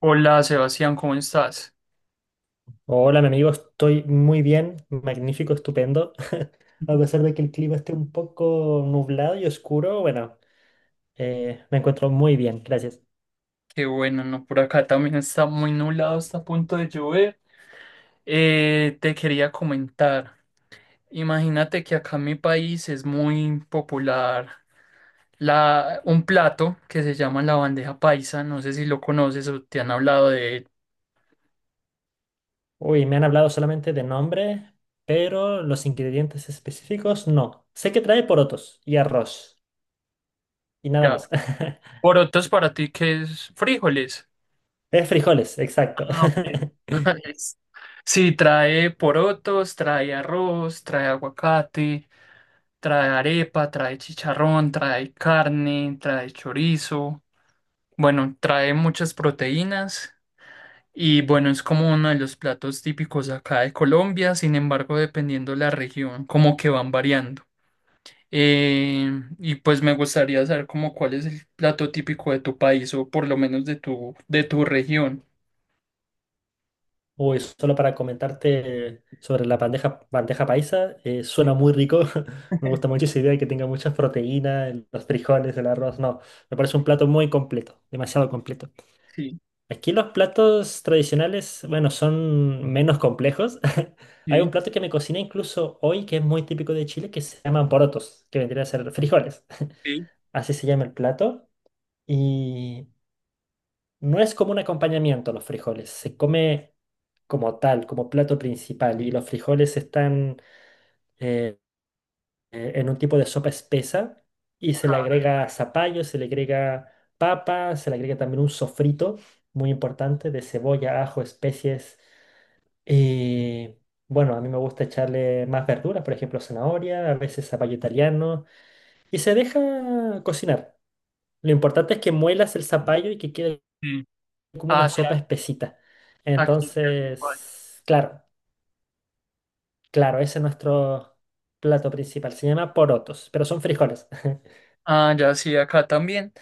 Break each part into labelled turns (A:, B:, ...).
A: Hola Sebastián, ¿cómo estás?
B: Hola, mi amigo, estoy muy bien, magnífico, estupendo. A pesar de que el clima esté un poco nublado y oscuro, bueno, me encuentro muy bien, gracias.
A: Qué bueno, ¿no? Por acá también está muy nublado, está a punto de llover. Te quería comentar, imagínate que acá en mi país es muy popular un plato que se llama la bandeja paisa, no sé si lo conoces o te han hablado de él.
B: Uy, me han hablado solamente de nombre, pero los ingredientes específicos no. Sé que trae porotos y arroz y nada
A: Ya,
B: más.
A: porotos para ti que es frijoles.
B: Es frijoles, exacto.
A: Ah, ok. Sí, trae porotos, trae arroz, trae aguacate. Trae arepa, trae chicharrón, trae carne, trae chorizo. Bueno, trae muchas proteínas y bueno, es como uno de los platos típicos acá de Colombia, sin embargo, dependiendo la región, como que van variando. Eh, y pues me gustaría saber como cuál es el plato típico de tu país o por lo menos de de tu región.
B: Uy, solo para comentarte sobre la bandeja paisa, suena
A: Sí,
B: muy rico. Me gusta mucho esa idea de que tenga muchas proteínas, los frijoles, el arroz. No, me parece un plato muy completo, demasiado completo.
A: sí,
B: Aquí los platos tradicionales, bueno, son menos complejos. Hay un
A: sí,
B: plato que me cociné incluso hoy que es muy típico de Chile que se llaman porotos, que vendría a ser frijoles.
A: sí,
B: Así se llama el plato. Y no es como un acompañamiento los frijoles, se come como tal, como plato principal. Y los frijoles están eh, en un tipo de sopa espesa y se le agrega zapallo, se le agrega papa, se le agrega también un sofrito muy importante de cebolla, ajo, especies. Y bueno, a mí me gusta echarle más verduras, por ejemplo, zanahoria, a veces zapallo italiano, y se deja cocinar. Lo importante es que muelas el zapallo y que quede
A: sí.
B: como una
A: Ah,
B: sopa
A: sí,
B: espesita.
A: aquí sí, así igual.
B: Entonces, claro, claro, ese es nuestro plato principal. Se llama porotos, pero son frijoles.
A: Ah, ya sí, acá también.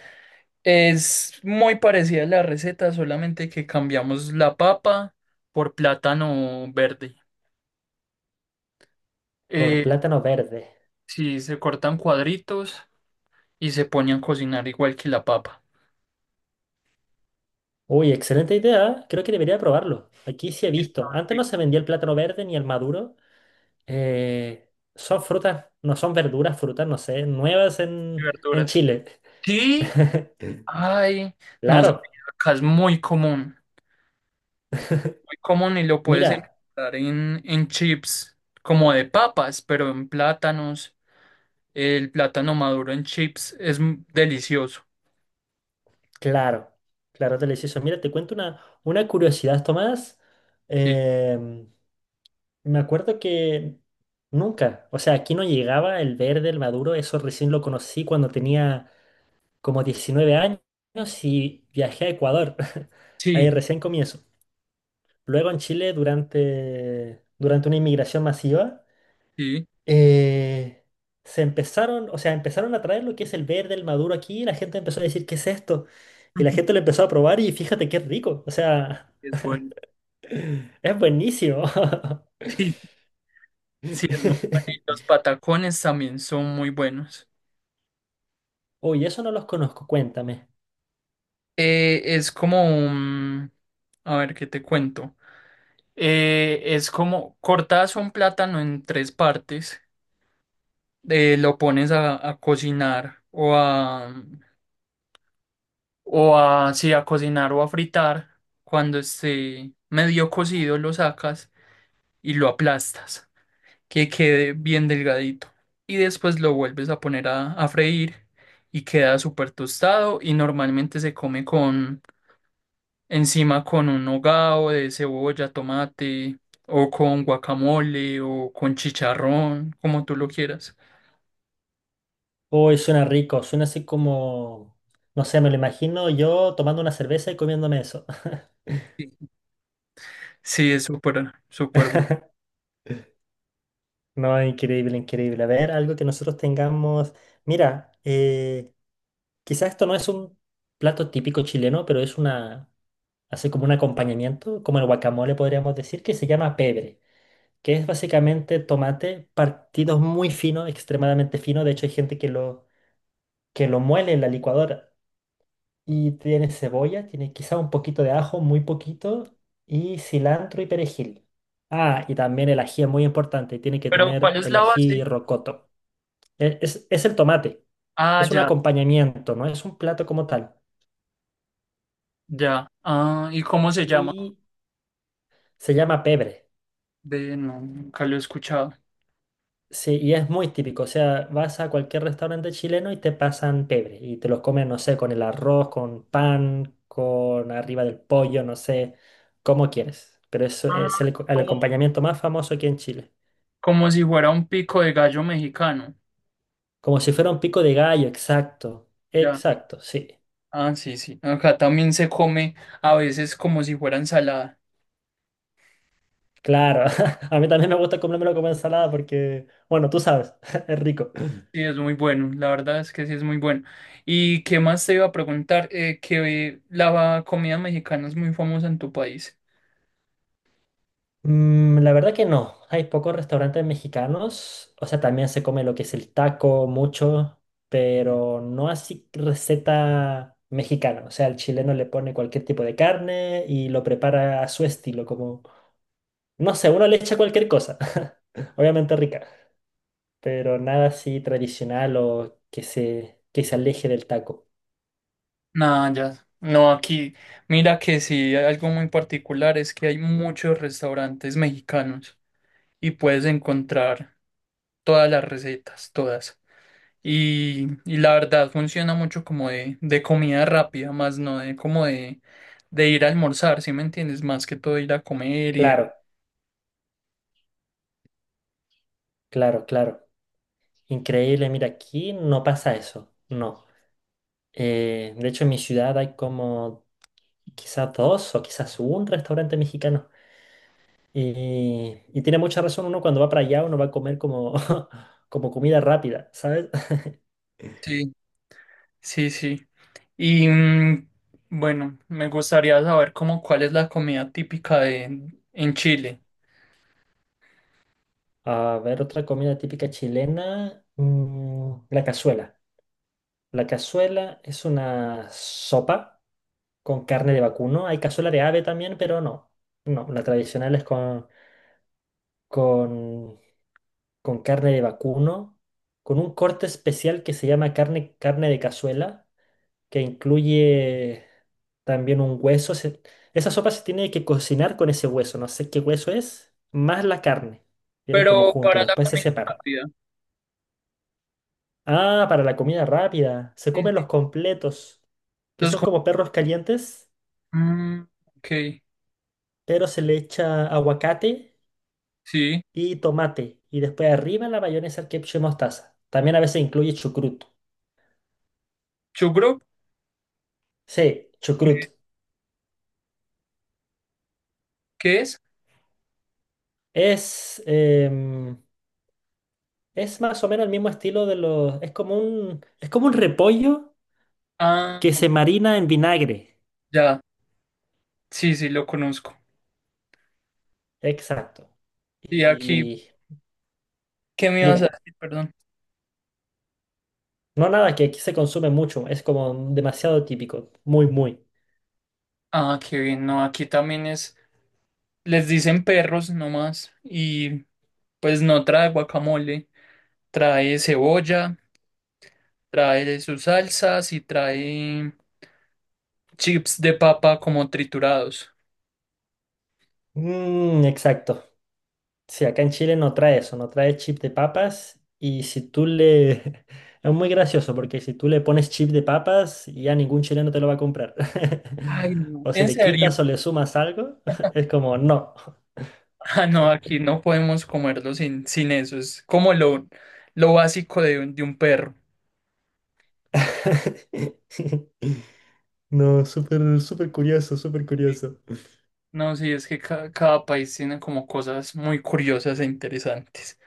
A: Es muy parecida a la receta, solamente que cambiamos la papa por plátano verde.
B: Por
A: Eh,
B: plátano verde.
A: sí, se cortan cuadritos y se ponen a cocinar igual que la papa.
B: Uy, excelente idea. ¿Eh? Creo que debería probarlo. Aquí sí he visto. Antes
A: Y
B: no se vendía el plátano verde ni el maduro. Son frutas, no son verduras, frutas, no sé, nuevas en
A: verduras.
B: Chile.
A: Sí, ay, no sabía,
B: Claro,
A: acá es muy común y lo puedes
B: mira,
A: encontrar en chips como de papas, pero en plátanos. El plátano maduro en chips es delicioso.
B: claro, claro, delicioso. Mira, te cuento una curiosidad, Tomás.
A: Sí,
B: Em, Me acuerdo que nunca, o sea, aquí no llegaba el verde, el maduro, eso recién lo conocí cuando tenía como 19 años y viajé a Ecuador. Ahí
A: sí,
B: recién comienzo. Luego en Chile, durante una inmigración masiva,
A: sí.
B: eh, se empezaron, o sea, empezaron a traer lo que es el verde, el maduro aquí, y la gente empezó a decir, ¿qué es esto? Y la gente lo empezó a probar y fíjate qué rico, o sea,
A: Es bueno.
B: es buenísimo.
A: Sí, es muy bueno. Y los patacones también son muy buenos.
B: Uy, eso no los conozco, cuéntame.
A: Es como un... A ver, ¿qué te cuento? Es como cortas un plátano en tres partes, lo pones a cocinar o a... sí, a cocinar o a fritar. Cuando esté medio cocido lo sacas y lo aplastas. Que quede bien delgadito. Y después lo vuelves a poner a freír y queda súper tostado y normalmente se come con encima con un hogao de cebolla, tomate o con guacamole o con chicharrón, como tú lo quieras.
B: Uy, suena rico, suena así como, no sé, me lo imagino yo tomando una cerveza y comiéndome eso.
A: Sí, sí, es súper, súper bueno.
B: No, increíble, increíble. A ver, algo que nosotros tengamos. Mira, quizás esto no es un plato típico chileno, pero es una, así como un acompañamiento, como el guacamole podríamos decir, que se llama pebre, que es básicamente tomate partido muy fino, extremadamente fino. De hecho, hay gente que lo muele en la licuadora. Y tiene cebolla, tiene quizá un poquito de ajo, muy poquito, y cilantro y perejil. Ah, y también el ají es muy importante, tiene que
A: Pero ¿cuál
B: tener
A: es
B: el
A: la base?
B: ají rocoto. Es el tomate,
A: Ah,
B: es un
A: ya,
B: acompañamiento, no es un plato como tal.
A: ya. Ah, ¿y cómo se llama?
B: Y se llama pebre.
A: Ve, no, nunca lo he escuchado.
B: Sí, y es muy típico, o sea, vas a cualquier restaurante chileno y te pasan pebre y te los comen, no sé, con el arroz, con pan, con arriba del pollo, no sé, como quieres. Pero eso
A: Ah,
B: es el
A: como
B: acompañamiento más famoso aquí en Chile.
A: como si fuera un pico de gallo mexicano.
B: Como si fuera un pico de gallo, exacto.
A: Ya.
B: Exacto, sí.
A: Ah, sí, sí. Acá también se come a veces como si fuera ensalada.
B: Claro. A mí también me gusta comérmelo como ensalada porque, bueno, tú sabes, es rico.
A: Sí, es muy bueno. La verdad es que sí es muy bueno. ¿Y qué más te iba a preguntar? Que la comida mexicana es muy famosa en tu país.
B: Mm, la verdad que no. Hay pocos restaurantes mexicanos. O sea, también se come lo que es el taco, mucho, pero no así receta mexicana. O sea, el chileno le pone cualquier tipo de carne y lo prepara a su estilo, como, no sé, uno le echa cualquier cosa. Obviamente rica. Pero nada así tradicional o que se aleje del taco.
A: Nada, ya. No, aquí, mira que sí, hay algo muy particular es que hay muchos restaurantes mexicanos y puedes encontrar todas las recetas, todas. Y la verdad funciona mucho como de comida rápida, más no de como de ir a almorzar, ¿sí me entiendes? Más que todo ir a comer y demás.
B: Claro, claro, claro. Increíble, mira, aquí no pasa eso, no. De hecho, en mi ciudad hay como quizás dos o quizás un restaurante mexicano. Y tiene mucha razón, uno cuando va para allá, uno va a comer como, como comida rápida, ¿sabes?
A: Sí. Sí, sí. Y mm, bueno, me gustaría saber como cuál es la comida típica de en Chile.
B: A ver, otra comida típica chilena, mm, la cazuela. La cazuela es una sopa con carne de vacuno. Hay cazuela de ave también, pero no. No, la tradicional es con, con carne de vacuno, con un corte especial que se llama carne de cazuela, que incluye también un hueso. Esa sopa se tiene que cocinar con ese hueso, no sé qué hueso es, más la carne. Vienen como
A: Pero
B: juntos y
A: para la
B: después se
A: comida
B: separan.
A: rápida.
B: Ah, para la comida rápida. Se
A: Sí,
B: comen
A: sí.
B: los completos, que
A: Los
B: son
A: co-
B: como perros calientes,
A: mm, ok,
B: pero se le echa aguacate
A: sí.
B: y tomate. Y después arriba la mayonesa, el ketchup y mostaza. También a veces incluye chucrut.
A: Chugro,
B: Sí,
A: ¿qué,
B: chucrut.
A: qué es?
B: Es, es más o menos el mismo estilo de los... Es es como un repollo
A: Ah,
B: que se marina en vinagre.
A: ya. Sí, sí, lo conozco.
B: Exacto.
A: Y aquí,
B: Y
A: ¿qué me ibas a
B: dime,
A: decir? Perdón.
B: no, nada, que aquí se consume mucho, es como demasiado típico, muy, muy.
A: Ah, qué bien, no, aquí también es, les dicen perros nomás, y pues no trae guacamole, trae cebolla, trae sus salsas y trae chips de papa como triturados.
B: Mm, exacto. Sí, acá en Chile no trae eso, no trae chip de papas y si tú le... Es muy gracioso porque si tú le pones chip de papas ya ningún chileno te lo va a comprar.
A: Ay, no,
B: O si
A: en
B: le
A: serio.
B: quitas o le sumas algo, es como no.
A: Ah, no, aquí no podemos comerlo sin, sin eso, es como lo básico de, de un perro.
B: No, súper, súper curioso, súper curioso.
A: No, sí, es que cada país tiene como cosas muy curiosas e interesantes.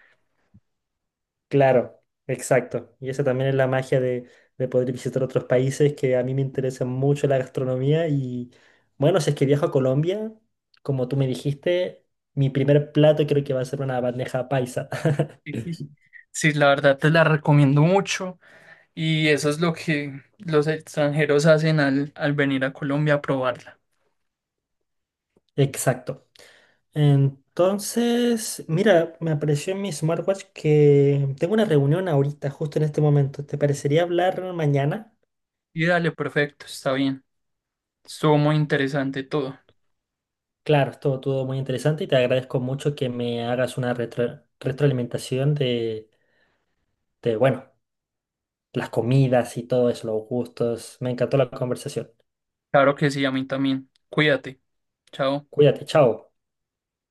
B: Claro, exacto. Y esa también es la magia de poder visitar otros países, que a mí me interesa mucho la gastronomía. Y bueno, si es que viajo a Colombia, como tú me dijiste, mi primer plato creo que va a ser una bandeja paisa.
A: Sí, sí, la verdad te la recomiendo mucho y eso es lo que los extranjeros hacen al, al venir a Colombia a probarla.
B: Exacto. Entonces, mira, me apareció en mi smartwatch que tengo una reunión ahorita, justo en este momento. ¿Te parecería hablar mañana?
A: Y dale, perfecto, está bien. Estuvo muy interesante todo.
B: Claro, estuvo todo muy interesante y te agradezco mucho que me hagas una retroalimentación de, bueno, las comidas y todo eso, los gustos. Me encantó la conversación.
A: Claro que sí, a mí también. Cuídate. Chao.
B: Cuídate, chao.